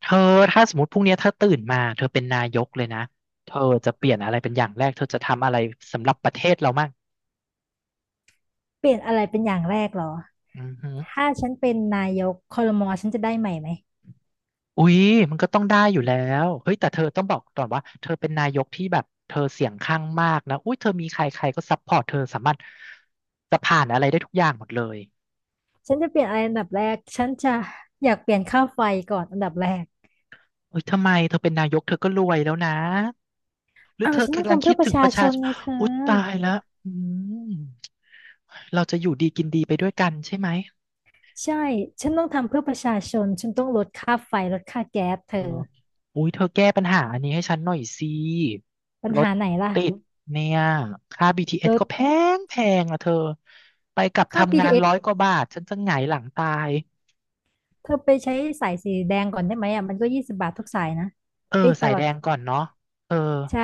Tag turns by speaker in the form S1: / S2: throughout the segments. S1: เธอถ้าสมมติพรุ่งนี้เธอตื่นมาเธอเป็นนายกเลยนะเธอจะเปลี่ยนอะไรเป็นอย่างแรกเธอจะทำอะไรสำหรับประเทศเรามั่ง
S2: เปลี่ยนอะไรเป็นอย่างแรกเหรอ
S1: อือหือ
S2: ถ้าฉันเป็นนายกครมฉันจะได้ใหม่ไหม
S1: อุ๊ยมันก็ต้องได้อยู่แล้วเฮ้ยแต่เธอต้องบอกก่อนว่าเธอเป็นนายกที่แบบเธอเสียงข้างมากนะอุ้ยเธอมีใครใครก็ซัพพอร์ตเธอสามารถจะผ่านอะไรได้ทุกอย่างหมดเลย
S2: ฉันจะเปลี่ยนอะไรอันดับแรกฉันจะอยากเปลี่ยนค่าไฟก่อนอันดับแรก
S1: เอ้ยทำไมเธอเป็นนายกเธอก็รวยแล้วนะหรือ
S2: อ้าว
S1: เธอ
S2: ฉันต้อง
S1: กำลัง
S2: ทำ
S1: คิ
S2: เพื่อ
S1: ด
S2: ป
S1: ถึ
S2: ระ
S1: งป
S2: ชา
S1: ระ
S2: ช
S1: ชา
S2: น
S1: ชน
S2: ไงเธอ
S1: อุ๊ยตายแล้วอืมเราจะอยู่ดีกินดีไปด้วยกันใช่ไหม
S2: ใช่ฉันต้องทำเพื่อประชาชนฉันต้องลดค่าไฟลดค่าแก๊สเธ
S1: เอ
S2: อ
S1: ออุ้ยเธอแก้ปัญหาอันนี้ให้ฉันหน่อยสิ
S2: ปัญ
S1: รถ
S2: หาไหนล่ะ
S1: ติดเนี่ย ค่า
S2: ล
S1: BTS
S2: ด
S1: ก็แพงแพงอะเธอ ไปกลับ
S2: ค่า
S1: ทำงาน
S2: BTS
S1: ร้อ
S2: เอ
S1: ยกว่า
S2: ส
S1: บาทฉันจะหงายหลังตาย
S2: เธอไปใช้สายสีแดงก่อนได้ไหมอ่ะมันก็20 บาททุกสายนะ
S1: เออ
S2: เอ้ยต
S1: สาย
S2: ลอ
S1: แด
S2: ด
S1: งก่อนเนาะเออ
S2: ใช่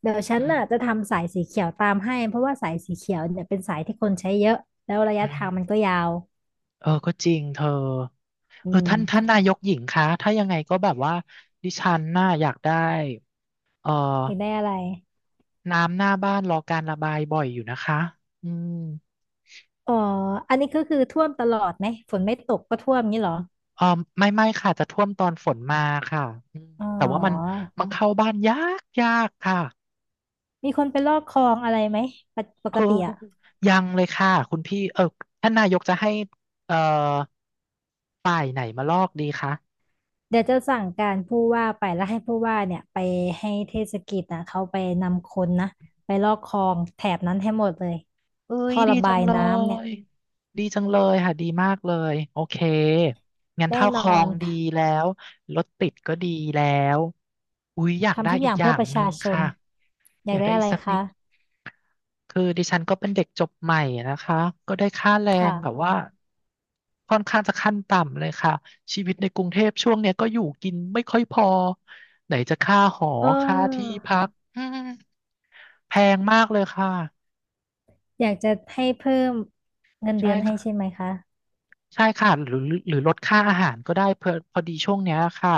S2: เดี๋ยวฉั
S1: อื
S2: น
S1: ม
S2: น่ะจะทำสายสีเขียวตามให้เพราะว่าสายสีเขียวเนี่ยเป็นสายที่คนใช้เยอะแล้วระ
S1: อื
S2: ยะ
S1: ม
S2: ทางมันก็ยาว
S1: เออ ก็จริงเธอ
S2: อื
S1: เออ ท่าน
S2: ม
S1: นายกหญิงคะ ถ้ายังไงก็แบบว่าดิฉันน่าอยากได้เออ
S2: อยากได้อะไร
S1: น้ำหน้าบ้านรอการระบายบ่อยอยู่นะคะอืม
S2: อ๋ออันนี้ก็คือท่วมตลอดไหมฝนไม่ตกก็ท่วมงี้เหรอ
S1: เออไม่ไม่ค่ะจะท่วมตอนฝนมาค่ะอืม
S2: อ๋อ
S1: แต่ว่ามันเข้าบ้านยากยากค่ะ
S2: มีคนไปลอกคลองอะไรไหมปกป
S1: เอ
S2: ก
S1: อ
S2: ติอะ
S1: ยังเลยค่ะคุณพี่เออท่านนายกจะให้เออค่ะ
S2: เดี๋ยวจะสั่งการผู้ว่าไปแล้วให้ผู้ว่าเนี่ยไปให้เทศกิจนะเขาไปนำคนนะไปลอกคลองแถบนั้นให้หมดเลย
S1: เอ้ย
S2: ท่อ
S1: ดี
S2: ระ
S1: จั
S2: บา
S1: ง
S2: ย
S1: เล
S2: น้ำเนี่ย
S1: ยดีจังเลยค่ะดีมากเลยโอเคงั้น
S2: แน่
S1: เท่า
S2: น
S1: คลอ
S2: อ
S1: ง
S2: น
S1: ดีแล้วรถติดก็ดีแล้วอุ๊ยอยากได้
S2: ทำทุกอ
S1: อีก
S2: ย่าง
S1: อ
S2: เพื่
S1: ย่า
S2: อ
S1: ง
S2: ประ
S1: หนึ่
S2: ชา
S1: ง
S2: ชน
S1: ค่ะ
S2: อ
S1: อ
S2: ยาก
S1: ยาก
S2: ได้
S1: ได้
S2: อะ
S1: อี
S2: ไร
S1: กสักนิ
S2: คะ
S1: ด คือดิฉันก็เป็นเด็กจบใหม่นะคะก็ได้ค่าแร
S2: ค
S1: งแบบ
S2: ่ะ
S1: ว่าค่อนข้างจะขั้นต่ำเลยค่ะชีวิตในกรุงเทพช่วงเนี้ยก็อยู่กินไม่ค่อยพอไหนจะค่าหอ
S2: เ
S1: ค่าที่
S2: ออ
S1: พักอืมแพงมากเลยค่ะ
S2: อยากจะให้เพิ่มเงิน
S1: ใช่
S2: เดือนให้
S1: ค่ะ
S2: ใช่ไหมคะ
S1: ใช่ค่ะหรือลดค่าอาหารก็ได้เพอพอดีช่วงเนี้ยค่ะ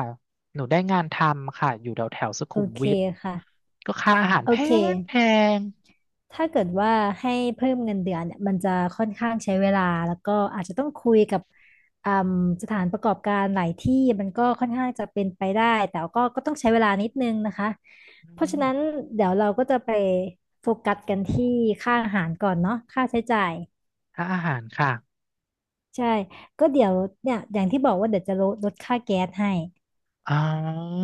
S1: หนูได้งานทำค่ะอยู่แถวแถวสุ
S2: โอ
S1: ขุม
S2: เค
S1: วิท
S2: ค่ะ
S1: ก็ค่าอาหาร
S2: โอ
S1: แพ
S2: เค
S1: งแพง
S2: ถ้าเกิดว่าให้เพิ่มเงินเดือนเนี่ยมันจะค่อนข้างใช้เวลาแล้วก็อาจจะต้องคุยกับอืมสถานประกอบการหลายที่มันก็ค่อนข้างจะเป็นไปได้แต่ก็ต้องใช้เวลานิดนึงนะคะ
S1: อื
S2: เพราะฉะ
S1: ม
S2: นั้นเดี๋ยวเราก็จะไปโฟกัสกันที่ค่าอาหารก่อนเนาะค่าใช้จ่าย
S1: ค่าอาหารค่ะ
S2: ใช่ ก็เดี๋ยวเนี่ยอย่างที่บอกว่าเดี๋ยวจะลดค่าแก๊สให้
S1: อ๋อ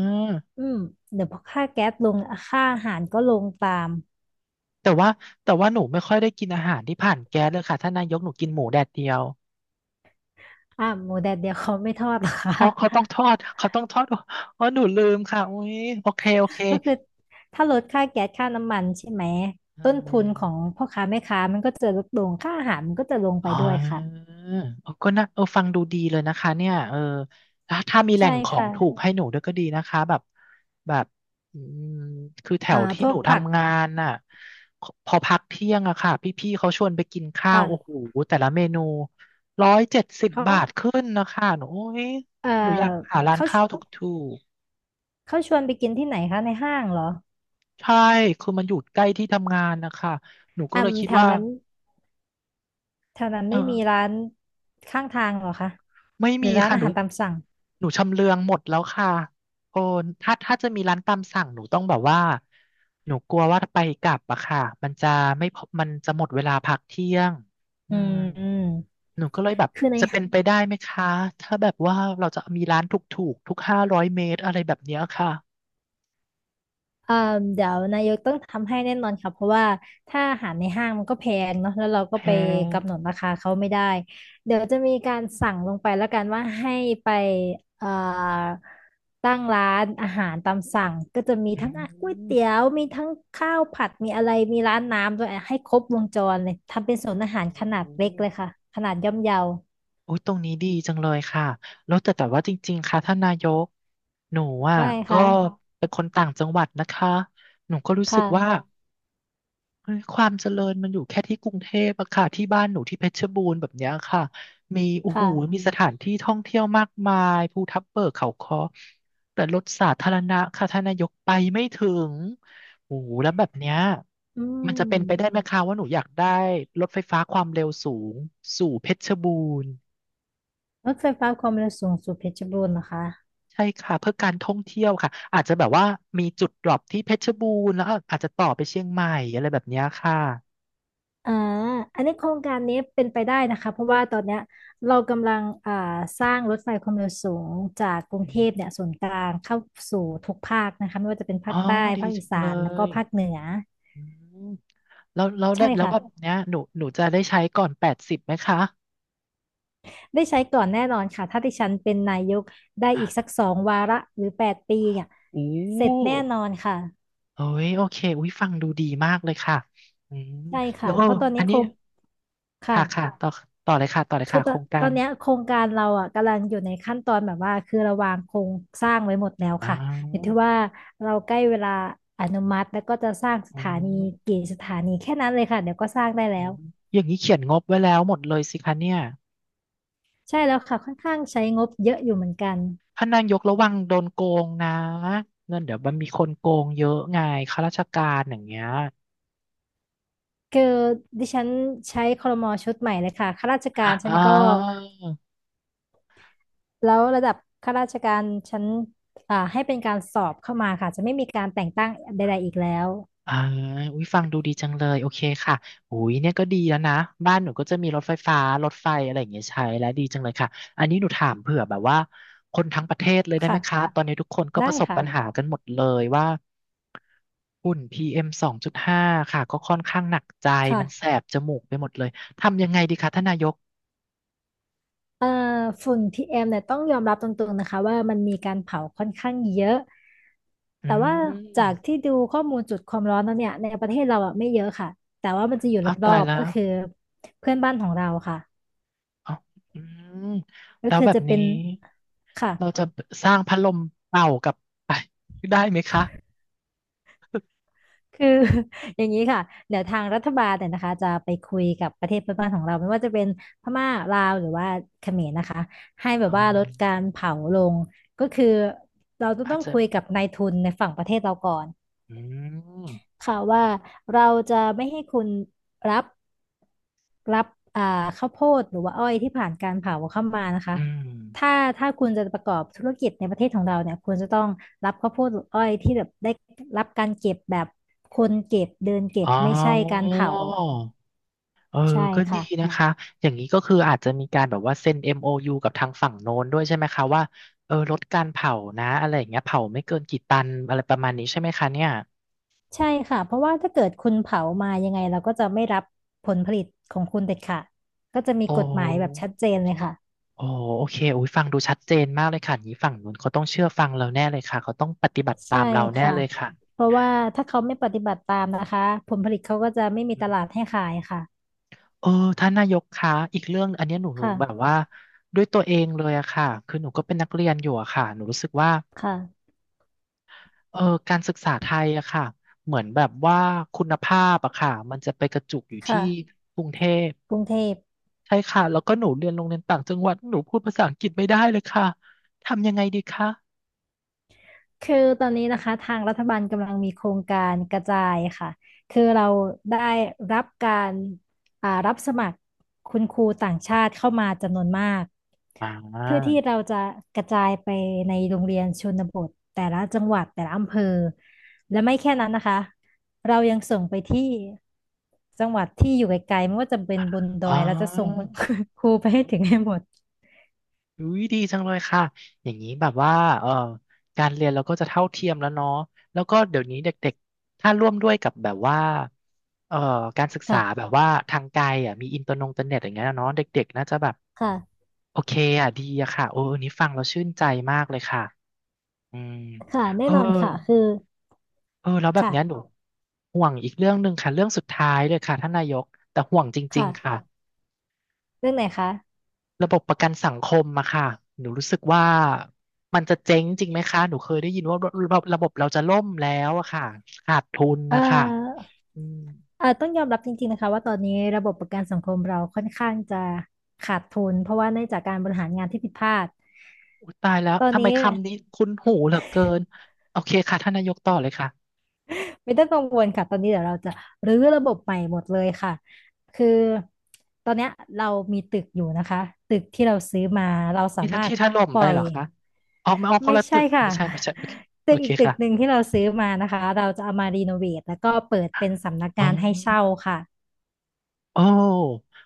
S2: อืม เดี๋ยวพอค่าแก๊สลงค่าอาหารก็ลงตาม
S1: แต่ว่าหนูไม่ค่อยได้กินอาหารที่ผ่านแก๊สเลยค่ะท่านนายกหนูกินหมูแดดเดียว
S2: อ่าหมูแดดเดียวเขาไม่ทอดหรอคะ
S1: อ๋อเขาต้องทอดเขาต้องทอดอ๋อหนูลืมค่ะอุ้ยโอเคโอเค
S2: ก็คือถ้าลดค่าแก๊สค่าน้ำมันใช่ไหม
S1: เอ
S2: ต้นทุนของ
S1: อ
S2: พ่อค้าแม่ค้ามันก็จะลดลงค่าอาหารมันก็จะลงไป
S1: อ๋อ
S2: ด้วยค่ะ
S1: เออก็น่าฟังดูดีเลยนะคะเนี่ยเออถ้ามีแหล่
S2: ใช่
S1: งของ
S2: ค่ะ
S1: ถูกให้หนูด้วยก็ดีนะคะแบบแบบอืมคือแถ
S2: อ่า
S1: วที่
S2: พว
S1: หนู
S2: กผัก
S1: ทำงานน่ะพอพักเที่ยงอะค่ะพี่ๆเขาชวนไปกินข้าวโอ้โห
S2: ค่ะ
S1: แต่ละเมนูร้อยเจ็ดสิบ
S2: เข
S1: บาท
S2: า
S1: ขึ้นนะคะหนูโอ้ย
S2: เอ่อ
S1: หนูอยากหาร้าน
S2: เขา
S1: ข้าวถูก
S2: ชวนไปกินที่ไหนคะในห้างเหรอ
S1: ๆใช่คือมันอยู่ใกล้ที่ทำงานนะคะหนูก็
S2: อ่า
S1: เลยคิด
S2: แถว
S1: ว่า
S2: นั้น แถวนั้น
S1: เอ
S2: ไม่มี
S1: อ
S2: ร้านข้างทางเหรอคะ
S1: ไม่
S2: หรื
S1: มี
S2: อร้าน
S1: ค่ะ
S2: อา
S1: หนู
S2: หารตามสั่ง
S1: ชำเลืองหมดแล้วค่ะโอ้ถ้าจะมีร้านตามสั่งหนูต้องแบบว่าหนูกลัวว่าไปกลับอะค่ะมันจะไม่พอมันจะหมดเวลาพักเที่ยงอื
S2: อืม
S1: ม
S2: อืม
S1: หนูก็เลยแบบ
S2: คือใน
S1: จะเป็นไปได้ไหมคะถ้าแบบว่าเราจะมีร้านถูกถูกทุก500 เมตรอะไรแบบเนี้ยค่ะ
S2: เอ่อเดี๋ยวนายกต้องทำให้แน่นอนค่ะเพราะว่าถ้าอาหารในห้างมันก็แพงเนาะแล้วเรา
S1: แพ
S2: ก็ไป
S1: ง
S2: กำหนดราคาเขาไม่ได้ เดี๋ยวจะมีการสั่งลงไปแล้วกันว่าให้ไปเอ่อตั้งร้านอาหารตามสั่งก็จะมี
S1: อื
S2: ทั้งก๋วยเตี๋ย
S1: ม
S2: วมีทั้งข้าวผัดมีอะไรมีร้านน้ำด้วยให้ครบวงจรเลยทำเป็นศูนย์อาหาร
S1: โอ้
S2: ขนาดเล็ก
S1: ย
S2: เลยค่ะขนาดย่อมเยา
S1: โอ้ยตรงนี้ดีจังเลยค่ะแล้วแต่ว่าจริงๆค่ะท่านนายกหนูอ่ะ
S2: ว่าไง
S1: ก็
S2: คะ
S1: เป็นคนต่างจังหวัดนะคะหนูก็รู้
S2: ค
S1: สึกว่า
S2: ่ะ
S1: เฮ้ยความเจริญมันอยู่แค่ที่กรุงเทพอะค่ะที่บ้านหนูที่เพชรบูรณ์แบบเนี้ยค่ะมีโอ้โหมี
S2: ค่ะ
S1: สถานที่ท่องเที่ยวมากมายภูทับเบิกเขาค้อแต่รถสาธารณะค่ะท่านนายกไปไม่ถึงโอ้โหแล้วแบบเนี้ย
S2: อื
S1: มันจะเป็นไปได้
S2: ม
S1: ไหมคะว่าหนูอยากได้รถไฟฟ้าความเร็วสูงสู่เพชรบูรณ์
S2: รถไฟฟ้าความเร็วสูงสุดเพชรบูรณ์นะคะ
S1: ใช่ค่ะเพื่อการท่องเที่ยวค่ะอาจจะแบบว่ามีจุดดรอปที่เพชรบูรณ์แล้วอาจจะต่อไปเชียงใหม่อะไรแบบเนี้ยค่ะ
S2: อ่าอันนี้โครงการนี้เป็นไปได้นะคะเพราะว่าตอนเนี้ยเรากำลังอ่าสร้างรถไฟความเร็วสูงจากกรุงเทพเนี่ยศูนย์กลางเข้าสู่ทุกภาคนะคะไม่ว่าจะเป็น
S1: อ๋
S2: ภาค
S1: อ
S2: ใต้
S1: ดี
S2: ภาคอี
S1: จัง
S2: สา
S1: เล
S2: น แล้วก็
S1: ย
S2: ภาคเหนือ
S1: อืม
S2: ใช่
S1: แล้ว
S2: ค่ะ
S1: แบบเนี้ยหนูจะได้ใช้ก่อน80ไหมคะ
S2: ได้ใช้ก่อนแน่นอนค่ะถ้าดิฉันเป็นนายกได้อีกสัก
S1: อะ
S2: 2 วาระหรือ8 ปีเนี่ย
S1: อู้
S2: เสร็จแน่นอนค่ะ
S1: เอ้ยโอเคอุ้ยฟังดูดีมากเลยค่ะอืม
S2: ใช่
S1: แล้
S2: ค่ะ
S1: วเออ
S2: เพราะตอน
S1: อั
S2: นี้
S1: น
S2: โค
S1: นี้
S2: รงค่ะ
S1: ค่ะค่ะต่อต่อเลยค่ะต่อเลย
S2: คือ
S1: ค่ะ
S2: ต
S1: โค
S2: อ
S1: ร
S2: น
S1: งกา
S2: ตอ
S1: ร
S2: นเนี้ยโครงการเราอ่ะกำลังอยู่ในขั้นตอนแบบว่าคือเระวางโครงสร้างไว้หมดแล้ว
S1: อ้า
S2: ค่ะอยู่
S1: ว
S2: ที่ว่าเราใกล้เวลาอนุมัติแล้วก็จะสร้างส
S1: อ
S2: ถานี
S1: ม
S2: กี่สถานีแค่นั้นเลยค่ะเดี๋ยวก็สร้างได้
S1: อ
S2: แล้ว
S1: มอย่างนี้เขียนงบไว้แล้วหมดเลยสิคะเนี่ย
S2: ใช่แล้วค่ะค่อนข้างใช้งบเยอะอยู่เหมือนกัน
S1: พ่านนายกระวังโดนโกงนะเงินเดี๋ยวมันมีคนโกงเยอะไงข้าราชการอย่างเงี้ย
S2: คือดิฉันใช้ครมชุดใหม่เลยค่ะข้าราชการฉั
S1: อ่
S2: นก็
S1: า
S2: แล้วระดับข้าราชการฉันอ่าให้เป็นการสอบเข้ามาค่ะจะไม่มีการแต่งตั้งใดๆอีกแล้ว
S1: อ่าอุ้ยฟังดูดีจังเลยโอเคค่ะอุ้ยเนี่ยก็ดีแล้วนะบ้านหนูก็จะมีรถไฟฟ้ารถไฟอะไรอย่างเงี้ยใช้แล้วดีจังเลยค่ะอันนี้หนูถามเผื่อแบบว่าคนทั้งประเทศเลยได้ไหมคะ
S2: ค่ะ
S1: ตอนนี้ทุกคนก็ป
S2: ได้
S1: ระสบ
S2: ค่ะ
S1: ปัญหากันหมดเลยว่าฝุ่น PM 2.5ค่ะก็ค่อนข้างหนักใจมันแส
S2: ค่ะ
S1: บจมูกไปหมดเลยทำยังไงดีคะท่านนายก
S2: เอ่อฝุ่น PM เอ็มเนี่ยต้องยอมรับตรงๆนะคะว่ามันมีการเผาค่อนข้างเยอะ
S1: อื
S2: แต่ว่าจาก
S1: ม
S2: ที่ดูข้อมูลจุดความร้อนแล้วเนี่ยในประเทศเราอ่ะไม่เยอะค่ะแต่ว่ามันจะอยู่
S1: อ้าว
S2: ร
S1: ตา
S2: อ
S1: ย
S2: บ
S1: แล้
S2: ๆก็
S1: ว
S2: คือเพื่อนบ้านของเราค่ะ
S1: อ๋ออืม
S2: ก็
S1: แล้ว
S2: คือ
S1: แบบ
S2: จะเป็
S1: นี้
S2: นค่ะ
S1: เราจะสร้างพัดลมเป่ากลับไปได้ไหมคะ
S2: คือ อย่างนี้ค่ะเดี๋ยวทางรัฐบาลเนี่ยนะคะจะไปคุยกับประเทศเพื่อนบ้านของเราไม่ว่าจะเป็นพม่าลาวหรือว่าเขมรนะคะให้แบ
S1: อ๋
S2: บ
S1: อ
S2: ว่าลดการเผาลงก็คือเราจะ
S1: อา
S2: ต้
S1: จ
S2: อง
S1: จะ
S2: คุยกับนายทุนในฝั่งประเทศเราก่อน
S1: อืม
S2: ค่ะว่าเราจะไม่ให้คุณรับรับอ่าข้าวโพดหรือว่าอ้อยที่ผ่านการเผาเข้ามานะคะ
S1: อื
S2: ถ้า
S1: ม
S2: ถ้าคุณจะประกอบธุรกิจในประเทศของเราเนี่ยคุณจะต้องรับข้าวโพดหรืออ้อยที่แบบได้รับการเก็บแบบคนเก็บเดินเก็
S1: อ๋
S2: บ
S1: อ
S2: ไม่ใช่การเผา
S1: เออ
S2: ใช่
S1: ก็ดี
S2: ค่ะ
S1: นะคะอย่างนี้ก็คืออาจจะมีการแบบว่าเซ็น MOU กับทางฝั่งโน้นด้วยใช่ไหมคะว่าลดการเผานะอะไรอย่างเงี้ยเผาไม่เกินกี่ตันอะไรประมาณนี้ใช่ไหมคะเนี่ย
S2: ใช่ค่ะเพราะว่าถ้าเกิดคุณเผามายังไงเราก็จะไม่รับผลผลิตของคุณเด็ดขาดก็จะมี
S1: โอ้
S2: กฎหมายแบบชัดเจนเลยค่ะ
S1: โอ้โอเคอุ้ยฟังดูชัดเจนมากเลยค่ะอย่างนี้ฝั่งนู้นเขาต้องเชื่อฟังเราแน่เลยค่ะเขาต้องปฏิบัติตา
S2: ใช่
S1: มเราแน่
S2: ค่ะ
S1: เลยค่ะ
S2: เพราะว่าถ้าเขาไม่ปฏิบัติตามนะคะผลผลิตเขาก็จะไม่มี
S1: อื
S2: ต
S1: ม
S2: ลาดให้ขายค่ะ
S1: เออท่านนายกคะอีกเรื่องอันเนี้ยหนูแบบ
S2: ค่ะ
S1: ว่าด้วยตัวเองเลยอะค่ะคือหนูก็เป็นนักเรียนอยู่อะค่ะหนูรู้สึกว่า
S2: ค่ะ
S1: เออการศึกษาไทยอะค่ะเหมือนแบบว่าคุณภาพอะค่ะมันจะไปกระจุกอยู่ที่
S2: ค่ะ
S1: กรุงเทพ
S2: กรุงเทพ
S1: ใช่ค่ะแล้วก็หนูเรียนโรงเรียนต่างจังหวัดหนูพูดภาษาอังกฤษไม่ได้เลยค่ะทำยังไงดีคะ
S2: คือตอนนี้นะคะทางรัฐบาลกำลังมีโครงการกระจายค่ะคือเราได้รับการอ่ารับสมัครคุณครูต่างชาติเข้ามาจำนวนมาก
S1: อ่
S2: เพื่อ
S1: า
S2: ที่เราจะกระจายไปในโรงเรียนชนบทแต่ละจังหวัดแต่ละอำเภอและไม่แค่นั้นนะคะเรายังส่งไปที่จังหวัดที่อยู่ไกลๆไม่ว่าจะเป็นบนด
S1: อ๋
S2: อ
S1: อ
S2: ยเราจะส่งคุณครูไปให้ถึงให้หมด
S1: อุ้ยดีจังเลยค่ะ อย่างนี้แบบว่าเออการเรียนเราก็จะเท่าเทียมแล้วเนาะแล้วก็เดี๋ยวนี้เด็กๆ ถ้าร่วมด้วยกับแบบว่าเอ่อการศึกษาแบ
S2: ค่ะ
S1: บว่าทางไกลอ่ะมีอินเตอร์นงเตอร์เน็ตอย่างเงี้ยเนาะเด็กๆน่าจะแบบ
S2: ค่ะ
S1: โอเคอ่ะดีอะค่ะโอ้อันนี้ฟังเราชื่นใจมากเลยค่ะอืม
S2: ค่ะ
S1: เอ
S2: แน่
S1: อ
S2: นอนค่ะคือ
S1: แล้วแบบ
S2: ค่ะ
S1: เนี้ยหนูห่วงอีกเรื่องหนึ่งค่ะเรื่องสุดท้ายเลยค่ะท่านนายกแต่ห่วงจริงๆค่ะ
S2: ค่ะเรื่องไหนคะ
S1: ระบบประกันสังคมอะค่ะหนูรู้สึกว่ามันจะเจ๊งจริงไหมคะหนูเคยได้ยินว่าระบบเราจะล่มแล้วอะค่ะขาดทุน
S2: เอ่
S1: นะคะ
S2: อ
S1: อืม
S2: เอ่อต้องยอมรับจริงๆนะคะว่าตอนนี้ระบบประกันสังคมเราค่อนข้างจะขาดทุนเพราะว่าเนื่องจากการบริหารงานที่ผิดพลาด
S1: อุ๊ยตายแล้ว
S2: ตอน
S1: ทำไม
S2: นี้
S1: คำนี้คุ้นหูเหลือเกินโอเคค่ะท่านนายกต่อเลยค่ะ
S2: ไม่ต้องกังวลค่ะตอนนี้เดี๋ยวเราจะรื้อระบบใหม่หมดเลยค่ะคือตอนเนี้ยเรามีตึกอยู่นะคะตึกที่เราซื้อมาเราสา
S1: ที่ท่าน
S2: มารถ
S1: ที่ท่านล่ม
S2: ปล่
S1: ไป
S2: อย
S1: เหรอคะอ๋อไม่เอาคน
S2: ไม่
S1: ละตึ
S2: ใช่
S1: ก
S2: ค่ะ
S1: ไม่ใช่โอเคโอ
S2: ตึก
S1: เค
S2: อีกตึกหนึ่
S1: ค่ะ
S2: งที่เราซื้อมานะคะเราจะเอามารีโนเวทแล้วก็เปิดเป็นสำนัก
S1: อ๋อ
S2: งานให้เช่าค่ะ
S1: โอ้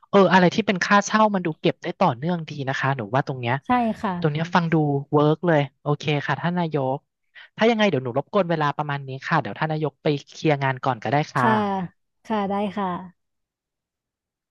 S1: เอออะไรที่เป็นค่าเช่ามันดูเก็บได้ต่อเนื่องดีนะคะ หนูว่าตรงเนี้ย
S2: ใช่ค่ะ
S1: ตรงเนี้ยฟังดูเวิร์กเลย โอเคค่ะท่านนายก ถ้ายังไงเดี๋ยวหนูรบกวนเวลาประมาณนี้ค่ะ เดี๋ยวท่านนายกไปเคลียร์งานก่อนก็ได้ค
S2: ค่ะ
S1: ่ะ
S2: ค่ะได้ค่ะ